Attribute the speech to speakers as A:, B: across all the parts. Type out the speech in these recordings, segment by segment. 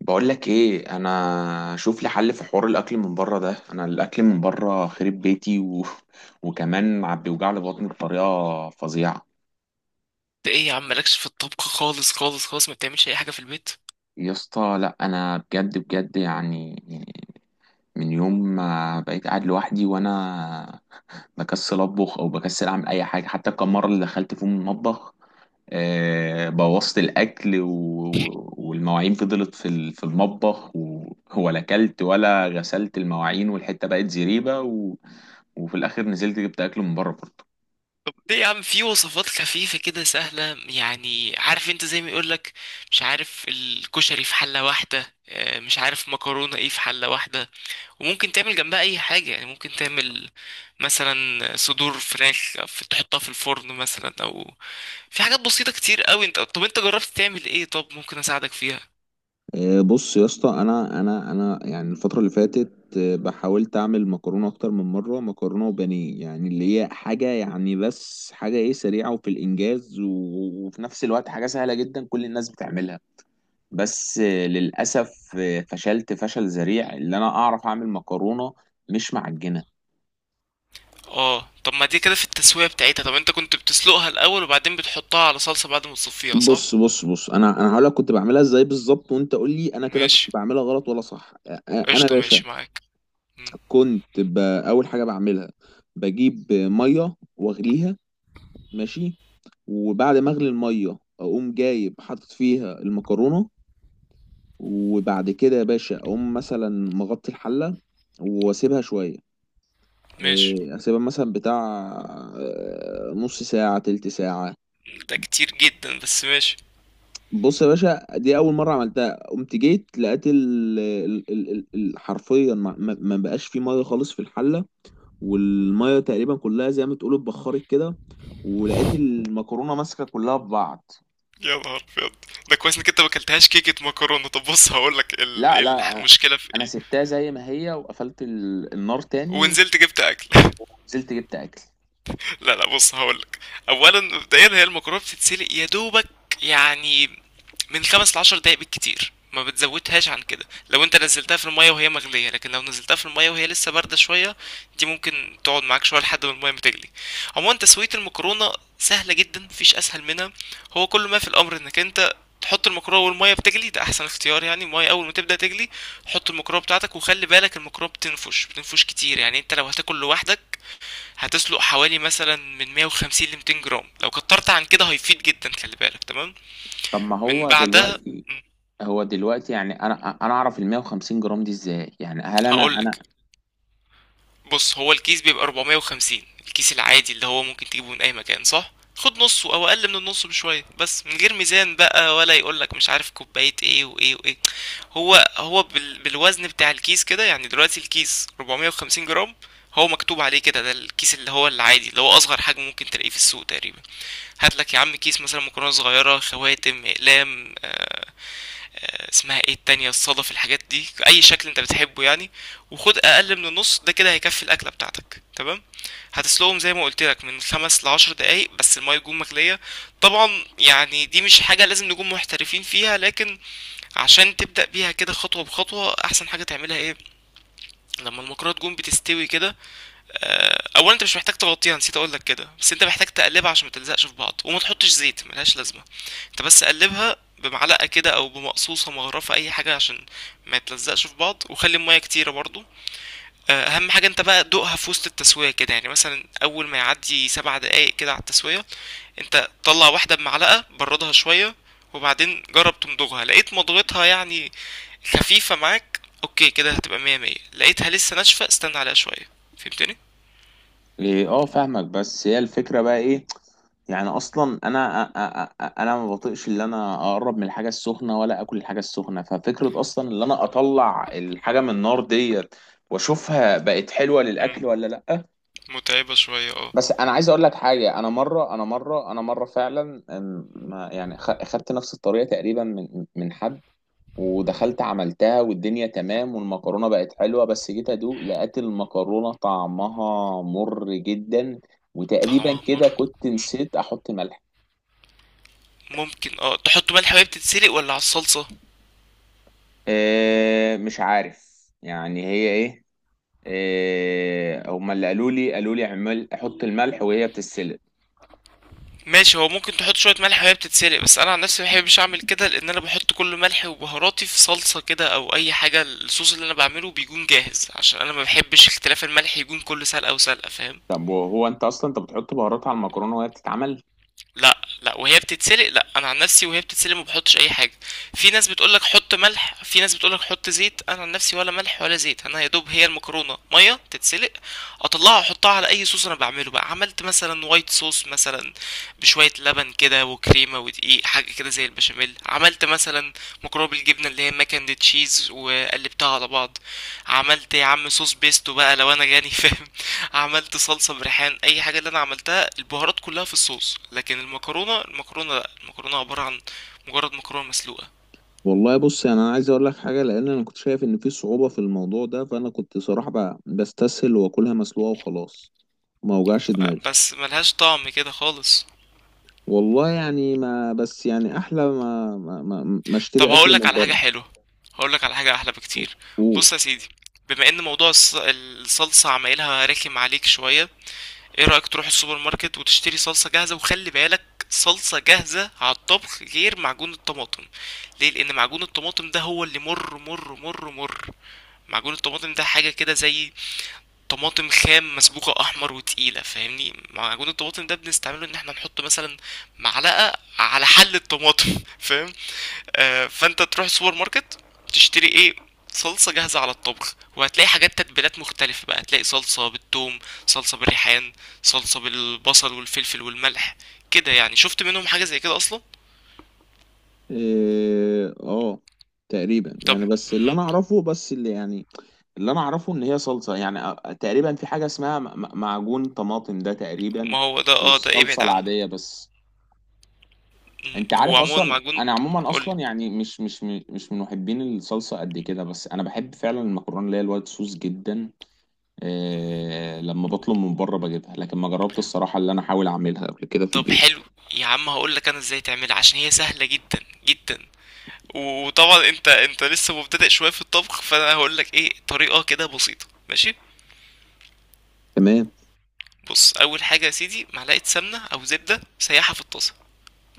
A: بقول لك ايه، انا شوف لي حل في حوار الاكل من بره ده. انا الاكل من بره خرب بيتي و وكمان عم بيوجع لي بطني بطريقه فظيعه.
B: ده ايه يا عم؟ مالكش في الطبخ خالص خالص خالص، ما بتعملش اي حاجه في البيت؟
A: يا اسطى لا، انا بجد بجد يعني. من يوم ما بقيت قاعد لوحدي وانا بكسل اطبخ او بكسل اعمل اي حاجه. حتى الكام مره اللي دخلت فيهم المطبخ، بوظت الاكل، و... والمواعين فضلت في المطبخ، و... ولا اكلت ولا غسلت المواعين، والحته بقت زريبه، و... وفي الاخر نزلت جبت اكل من بره برضه.
B: طب ليه يا عم؟ في وصفات خفيفه كده سهله، يعني عارف انت زي ما يقولك مش عارف الكشري في حله واحده، مش عارف مكرونه ايه في حله واحده، وممكن تعمل جنبها اي حاجه. يعني ممكن تعمل مثلا صدور فراخ تحطها في الفرن مثلا، او في حاجات بسيطه كتير قوي. انت طب انت جربت تعمل ايه؟ طب ممكن اساعدك فيها.
A: بص يا اسطى، انا يعني الفتره اللي فاتت، بحاولت اعمل مكرونه اكتر من مره. مكرونه وبانيه، يعني اللي هي حاجه، يعني بس حاجه ايه، سريعه وفي الانجاز، وفي نفس الوقت حاجه سهله جدا كل الناس بتعملها. بس للأسف فشلت فشل ذريع. اللي أنا أعرف أعمل مكرونة مش معجنة.
B: اه طب ما دي كده في التسوية بتاعتها. طب انت كنت بتسلقها الأول وبعدين بتحطها على صلصة بعد ما تصفيها، صح؟
A: بص، انا هقول لك كنت بعملها ازاي بالظبط، وانت قول لي انا كده كنت
B: ماشي.
A: بعملها غلط ولا صح. انا يا
B: قشطة،
A: باشا
B: ماشي معاك. مم.
A: كنت اول حاجه بعملها بجيب ميه واغليها، ماشي. وبعد ما اغلي الميه اقوم جايب حاطط فيها المكرونه. وبعد كده يا باشا اقوم مثلا مغطي الحله واسيبها شويه.
B: ماشي،
A: إيه، اسيبها مثلا بتاع، نص ساعة، تلت ساعة.
B: ده كتير جدا، بس ماشي.
A: بص يا باشا، دي أول مرة عملتها قمت جيت لقيت حرفيا ما بقاش في مية خالص في الحلة. والمية تقريبا كلها زي ما تقول اتبخرت كده، ولقيت المكرونة ماسكة كلها في بعض.
B: يا نهار ابيض، ده كويس انك انت ما اكلتهاش كيكة مكرونة. طب بص هقولك
A: لا لا،
B: المشكلة في
A: أنا
B: ايه.
A: سبتها زي ما هي وقفلت النار تاني،
B: ونزلت جبت اكل.
A: ونزلت جبت أكل.
B: لا لا، بص هقولك. اولا مبدئيا هي المكرونه بتتسلق يا دوبك، يعني من 5 لـ 10 دقايق بالكتير، ما بتزودهاش عن كده لو انت نزلتها في المية وهي مغلية، لكن لو نزلتها في المية وهي لسه باردة شوية، دي ممكن تقعد معاك شوية لحد ما المية ما تغلي. عموما تسوية المكرونة سهلة جدا، مفيش اسهل منها. هو كل ما في الامر انك انت تحط المكرونه والميه بتغلي. ده احسن اختيار، يعني الميه اول ما تبدا تغلي حط المكرونه بتاعتك، وخلي بالك المكرونه بتنفش بتنفش كتير. يعني انت لو هتاكل لوحدك هتسلق حوالي مثلا من 150 ل 200 جرام، لو كترت عن كده هيفيد جدا، خلي بالك. تمام،
A: طب ما
B: من
A: هو
B: بعدها
A: دلوقتي، هو دلوقتي يعني انا، انا اعرف ال 150 جرام دي ازاي؟ يعني هل انا؟
B: هقولك. بص هو الكيس بيبقى 450، الكيس العادي اللي هو ممكن تجيبه من اي مكان، صح؟ خد نصه او اقل من النص بشويه، بس من غير ميزان بقى، ولا يقولك مش عارف كوبايه ايه وايه وايه. هو هو بالوزن بتاع الكيس كده، يعني دلوقتي الكيس 450 جرام، هو مكتوب عليه كده. ده الكيس اللي هو العادي اللي هو اصغر حجم ممكن تلاقيه في السوق تقريبا. هات لك يا عم كيس مثلا مكرونه صغيره، خواتم، اقلام، اسمها ايه التانية، الصدف، الحاجات دي، اي شكل انت بتحبه يعني. وخد اقل من النص ده، كده هيكفي الاكله بتاعتك. تمام. هتسلقهم زي ما قلت لك من 5 لـ 10 دقايق، بس الميه تكون مغليه. طبعا يعني دي مش حاجه لازم نكون محترفين فيها، لكن عشان تبدأ بيها كده خطوة بخطوة، أحسن حاجة تعملها إيه؟ لما المكرونة تكون بتستوي كده، اولا انت مش محتاج تغطيها، نسيت اقول لك كده، بس انت محتاج تقلبها عشان ما تلزقش في بعض، وما تحطش زيت ملهاش لازمه. انت بس قلبها بمعلقه كده، او بمقصوصه، مغرفه، اي حاجه عشان ما تلزقش في بعض، وخلي الميه كتيره برضو. اهم حاجه انت بقى دوقها في وسط التسويه كده، يعني مثلا اول ما يعدي 7 دقايق كده على التسويه، انت طلع واحده بمعلقه، بردها شويه، وبعدين جرب تمضغها. لقيت مضغتها يعني خفيفه معاك، اوكي كده هتبقى مية مية. لقيتها لسه ناشفه، استنى عليها شويه. فهمتني؟
A: إيه، اه فاهمك، بس هي الفكره بقى ايه، يعني اصلا انا انا ما بطيقش اللي انا اقرب من الحاجه السخنه ولا اكل الحاجه السخنه. ففكره اصلا اللي انا اطلع الحاجه من النار ديت واشوفها بقت حلوه للاكل ولا لا.
B: متعبة شوية، اه.
A: بس انا عايز اقول لك حاجه. انا مره، انا مره، انا مره، فعلا يعني خدت نفس الطريقه تقريبا من حد، ودخلت عملتها والدنيا تمام والمكرونة بقت حلوة. بس جيت أدوق لقيت المكرونة طعمها مر جدا. وتقريبا
B: طعمها
A: كده
B: مر؟
A: كنت نسيت أحط ملح.
B: ممكن تحط ملح وهي بتتسلق ولا على الصلصة.
A: أه مش عارف. يعني هي إيه، أه، هما اللي قالوا لي اعمل أحط الملح وهي بتتسلق.
B: ماشي، هو ممكن تحط شوية ملح وهي بتتسلق، بس انا عن نفسي مبحبش اعمل كده، لان انا بحط كل ملحي وبهاراتي في صلصة كده او اي حاجة. الصوص اللي انا بعمله بيكون جاهز، عشان انا مبحبش اختلاف الملح يكون كل سلقة وسلقة، فاهم؟
A: طب وهو أنت أصلا أنت بتحط بهارات على المكرونة وهي بتتعمل؟
B: لا لا، وهي بتتسلق لا، انا عن نفسي وهي بتتسلق ما بحطش اي حاجه. في ناس بتقولك حط ملح، في ناس بتقولك حط زيت، انا عن نفسي ولا ملح ولا زيت. انا يا دوب هي المكرونه ميه تتسلق، اطلعها احطها على اي صوص انا بعمله بقى. عملت مثلا وايت صوص، مثلا بشويه لبن كده وكريمه ودقيق، حاجه كده زي البشاميل. عملت مثلا مكرونه بالجبنه اللي هي ماكن تشيز وقلبتها على بعض. عملت يا عم صوص بيستو بقى لو انا جاني. فاهم؟ عملت صلصة بريحان، اي حاجة اللي انا عملتها البهارات كلها في الصوص، لكن المكرونة، المكرونة لا، المكرونة عبارة عن مجرد مكرونة مسلوقة.
A: والله بص، يعني انا عايز اقول لك حاجه. لان انا كنت شايف ان في صعوبه في الموضوع ده، فانا كنت صراحه بستسهل واكلها مسلوقه وخلاص، ما اوجعش دماغي.
B: بس ملهاش طعم كده خالص.
A: والله يعني ما بس، يعني احلى ما
B: طب
A: اشتري اكل
B: هقولك
A: من
B: على حاجة
A: بره.
B: حلوة، هقولك على حاجة احلى بكتير.
A: قول.
B: بص يا سيدي، بما ان موضوع الصلصة عمايلها رخم عليك شوية، ايه رأيك تروح السوبر ماركت وتشتري صلصة جاهزة؟ وخلي بالك، صلصة جاهزة على الطبخ، غير معجون الطماطم. ليه؟ لان معجون الطماطم ده هو اللي مر مر مر مر. معجون الطماطم ده حاجة كده زي طماطم خام مسبوكة أحمر وتقيلة، فاهمني؟ معجون الطماطم ده بنستعمله إن احنا نحط مثلا معلقة على حل الطماطم. فاهم؟ آه، فأنت تروح السوبر ماركت تشتري إيه؟ صلصة جاهزة على الطبخ، وهتلاقي حاجات تتبيلات مختلفة بقى. هتلاقي صلصة بالثوم، صلصة بالريحان، صلصة بالبصل والفلفل والملح، كده يعني. شفت منهم حاجة زي كده أصلا؟
A: إيه، اه تقريبا،
B: طب
A: يعني بس اللي
B: مهم.
A: انا اعرفه، بس اللي يعني اللي انا اعرفه ان هي صلصه، يعني تقريبا في حاجه اسمها معجون طماطم ده تقريبا،
B: ما هو ده، اه ده
A: والصلصه
B: ابعد عنه.
A: العاديه بس. انت
B: هو
A: عارف
B: عموما
A: اصلا
B: معجون.
A: انا عموما
B: قول.
A: اصلا يعني مش من محبين الصلصه قد كده، بس انا بحب فعلا المكرونه اللي هي الوايت صوص جدا. لما بطلب من بره بجيبها، لكن ما جربت الصراحة اللي أنا أحاول أعملها قبل كده في
B: طب
A: البيت.
B: حلو، يا عم هقول لك انا ازاي تعملها، عشان هي سهله جدا جدا. وطبعا انت انت لسه مبتدئ شويه في الطبخ، فانا هقول لك ايه طريقه كده بسيطه، ماشي؟
A: تمام.
B: بص اول حاجه يا سيدي، معلقه سمنه او زبده سيحها في الطاسه،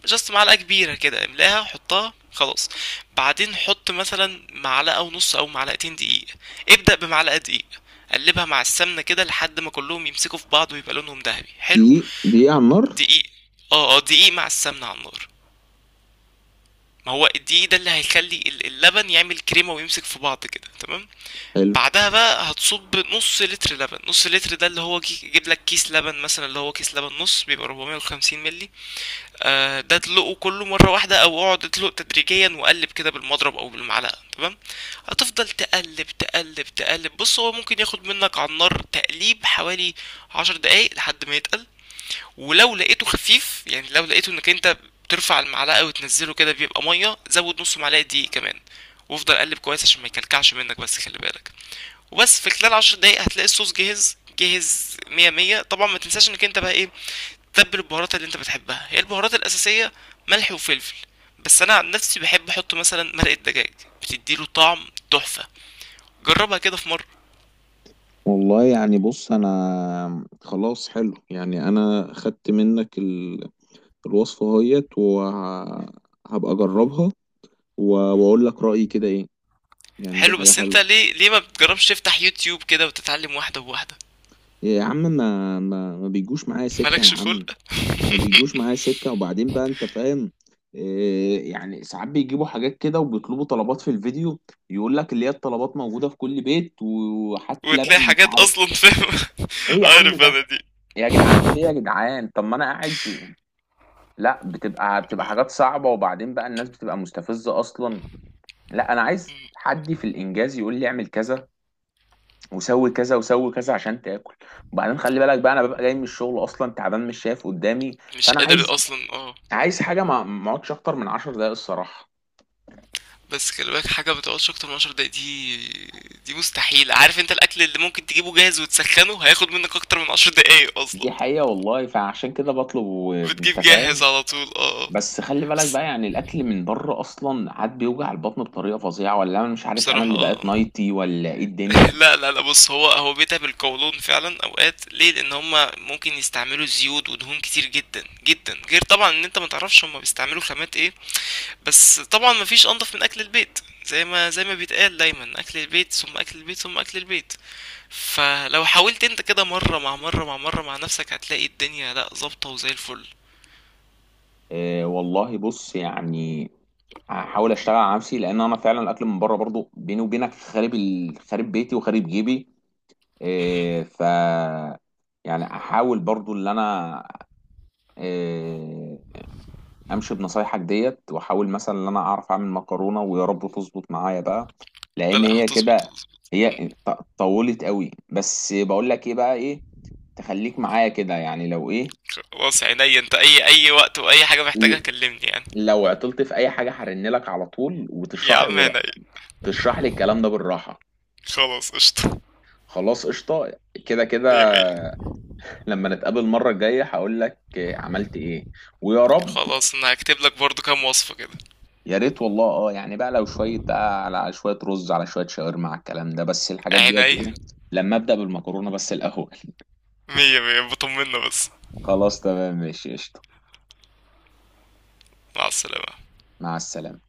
B: جاست معلقه كبيره كده املاها حطها خلاص. بعدين حط مثلا معلقه ونص او معلقتين دقيق، ابدا بمعلقه دقيق، قلبها مع السمنه كده لحد ما كلهم يمسكوا في بعض ويبقى لونهم ذهبي حلو.
A: دقيق، دقيق على النار؟
B: دقيق؟ اه اه، دقيق مع السمنه على النار. ما هو دي ده اللي هيخلي اللبن يعمل كريمة ويمسك في بعض كده، تمام.
A: حلو.
B: بعدها بقى هتصب نص لتر لبن، نص لتر ده اللي هو يجيب لك كيس لبن مثلا، اللي هو كيس لبن نص بيبقى 450 مللي. ده تدلقه كله مرة واحدة او اقعد ادلق تدريجيا وقلب كده بالمضرب او بالمعلقة، تمام. هتفضل تقلب تقلب تقلب. بص هو ممكن ياخد منك على النار تقليب حوالي 10 دقايق لحد ما يتقل، ولو لقيته خفيف، يعني لو لقيته انك انت بترفع المعلقه وتنزله كده بيبقى ميه، زود نص معلقه دقيق كمان وافضل قلب كويس عشان ما يكلكعش منك، بس خلي بالك. وبس في خلال 10 دقايق هتلاقي الصوص جاهز، جاهز مية مية. طبعا ما تنساش انك انت بقى ايه، تتبل البهارات اللي انت بتحبها. هي البهارات الاساسيه ملح وفلفل، بس انا عن نفسي بحب احط مثلا مرقه دجاج، بتديله طعم تحفه، جربها كده في مره.
A: والله يعني بص أنا خلاص، حلو، يعني أنا خدت منك ال... الوصفة اهيت، وهبقى أجربها، و... وأقول لك رأيي كده إيه. يعني دي
B: حلو،
A: حاجة
B: بس انت
A: حلوة.
B: ليه ليه ما بتجربش تفتح يوتيوب كده وتتعلم واحده بواحده؟
A: يا عم ما بيجوش معايا سكة يا
B: مالكش
A: عم.
B: خلق؟
A: ما بيجوش معايا سكة. وبعدين بقى انت فاهم، إيه يعني ساعات بيجيبوا حاجات كده وبيطلبوا طلبات في الفيديو. يقول لك اللي هي الطلبات موجودة في كل بيت، وحتى
B: وتلاقي
A: لبن مش
B: حاجات
A: عارف
B: اصلا، فاهم؟
A: ايه يا عم
B: عارف انا
A: ده.
B: دي.
A: إيه يا جدعان، في ايه يا جدعان؟ طب ما انا قاعد في، لا بتبقى حاجات صعبة، وبعدين بقى الناس بتبقى مستفزة اصلا. لا انا عايز حد في الانجاز يقول لي اعمل كذا، وسوي كذا وسوي كذا عشان تاكل. وبعدين خلي بالك بقى انا ببقى جاي من الشغل اصلا تعبان مش شايف قدامي.
B: مش
A: فانا عايز،
B: قادر اصلا، اه.
A: عايز حاجة ما اقعدش اكتر من 10 دقايق الصراحة.
B: بس خلي بالك، حاجه ما بتقعدش اكتر من 10 دقايق دي، دي مستحيل. عارف انت الاكل اللي ممكن تجيبه جاهز وتسخنه هياخد منك اكتر من 10 دقايق اصلا.
A: دي حقيقة والله، فعشان كده بطلب وانت
B: بتجيب جاهز
A: فاهم.
B: على طول، اه آه.
A: بس خلي بالك
B: بس-
A: بقى، يعني الاكل من بره اصلا عاد بيوجع البطن بطريقة فظيعة، ولا انا مش عارف، انا
B: بصراحة
A: اللي بقيت نايتي ولا ايه الدنيا.
B: لا لا لا، بص هو هو بيتها بالقولون فعلا اوقات. ليه؟ لان هما ممكن يستعملوا زيوت ودهون كتير جدا جدا، غير طبعا ان انت ما تعرفش هما بيستعملوا خامات ايه. بس طبعا مفيش انضف من اكل البيت، زي ما بيتقال دايما، اكل البيت ثم اكل البيت ثم اكل البيت. فلو حاولت انت كده مره مع مره مع مره مع نفسك، هتلاقي الدنيا لا، ظابطه وزي الفل.
A: اه والله بص يعني هحاول اشتغل على نفسي. لان انا فعلا الاكل من بره برضو بيني وبينك خارب، ال... خارب بيتي وخارب جيبي.
B: مهم.
A: اه ف، يعني احاول برضو اللي انا آه، امشي بنصايحك ديت، واحاول مثلا ان انا اعرف اعمل مكرونه، ويا رب تظبط معايا بقى.
B: لا
A: لان
B: لا،
A: هي
B: هتظبط
A: كده،
B: هتظبط.
A: هي طولت قوي. بس بقول لك ايه بقى، ايه تخليك معايا كده يعني لو ايه.
B: خلاص عينيا، انت اي وقت واي حاجه محتاجها
A: ل-
B: كلمني يعني.
A: لو عطلت في اي حاجه هرن لك على طول
B: يا
A: وتشرح لي
B: عم عينيا.
A: تشرح لي الكلام ده بالراحه.
B: خلاص قشطه.
A: خلاص قشطه. كده كده.
B: مية مية.
A: لما نتقابل المره الجايه هقول لك عملت ايه، ويا رب.
B: خلاص انا هكتب لك برضو كام وصفه كده.
A: يا ريت والله. اه يعني بقى لو شويه بقى على، على شويه رز، على شويه شاورما، على الكلام ده، بس الحاجات ديت
B: عينيا.
A: ايه. لما ابدا بالمكرونه بس الاول.
B: مية مية، بطمنا بس.
A: خلاص تمام ماشي قشطه.
B: مع السلامه.
A: مع السلامه.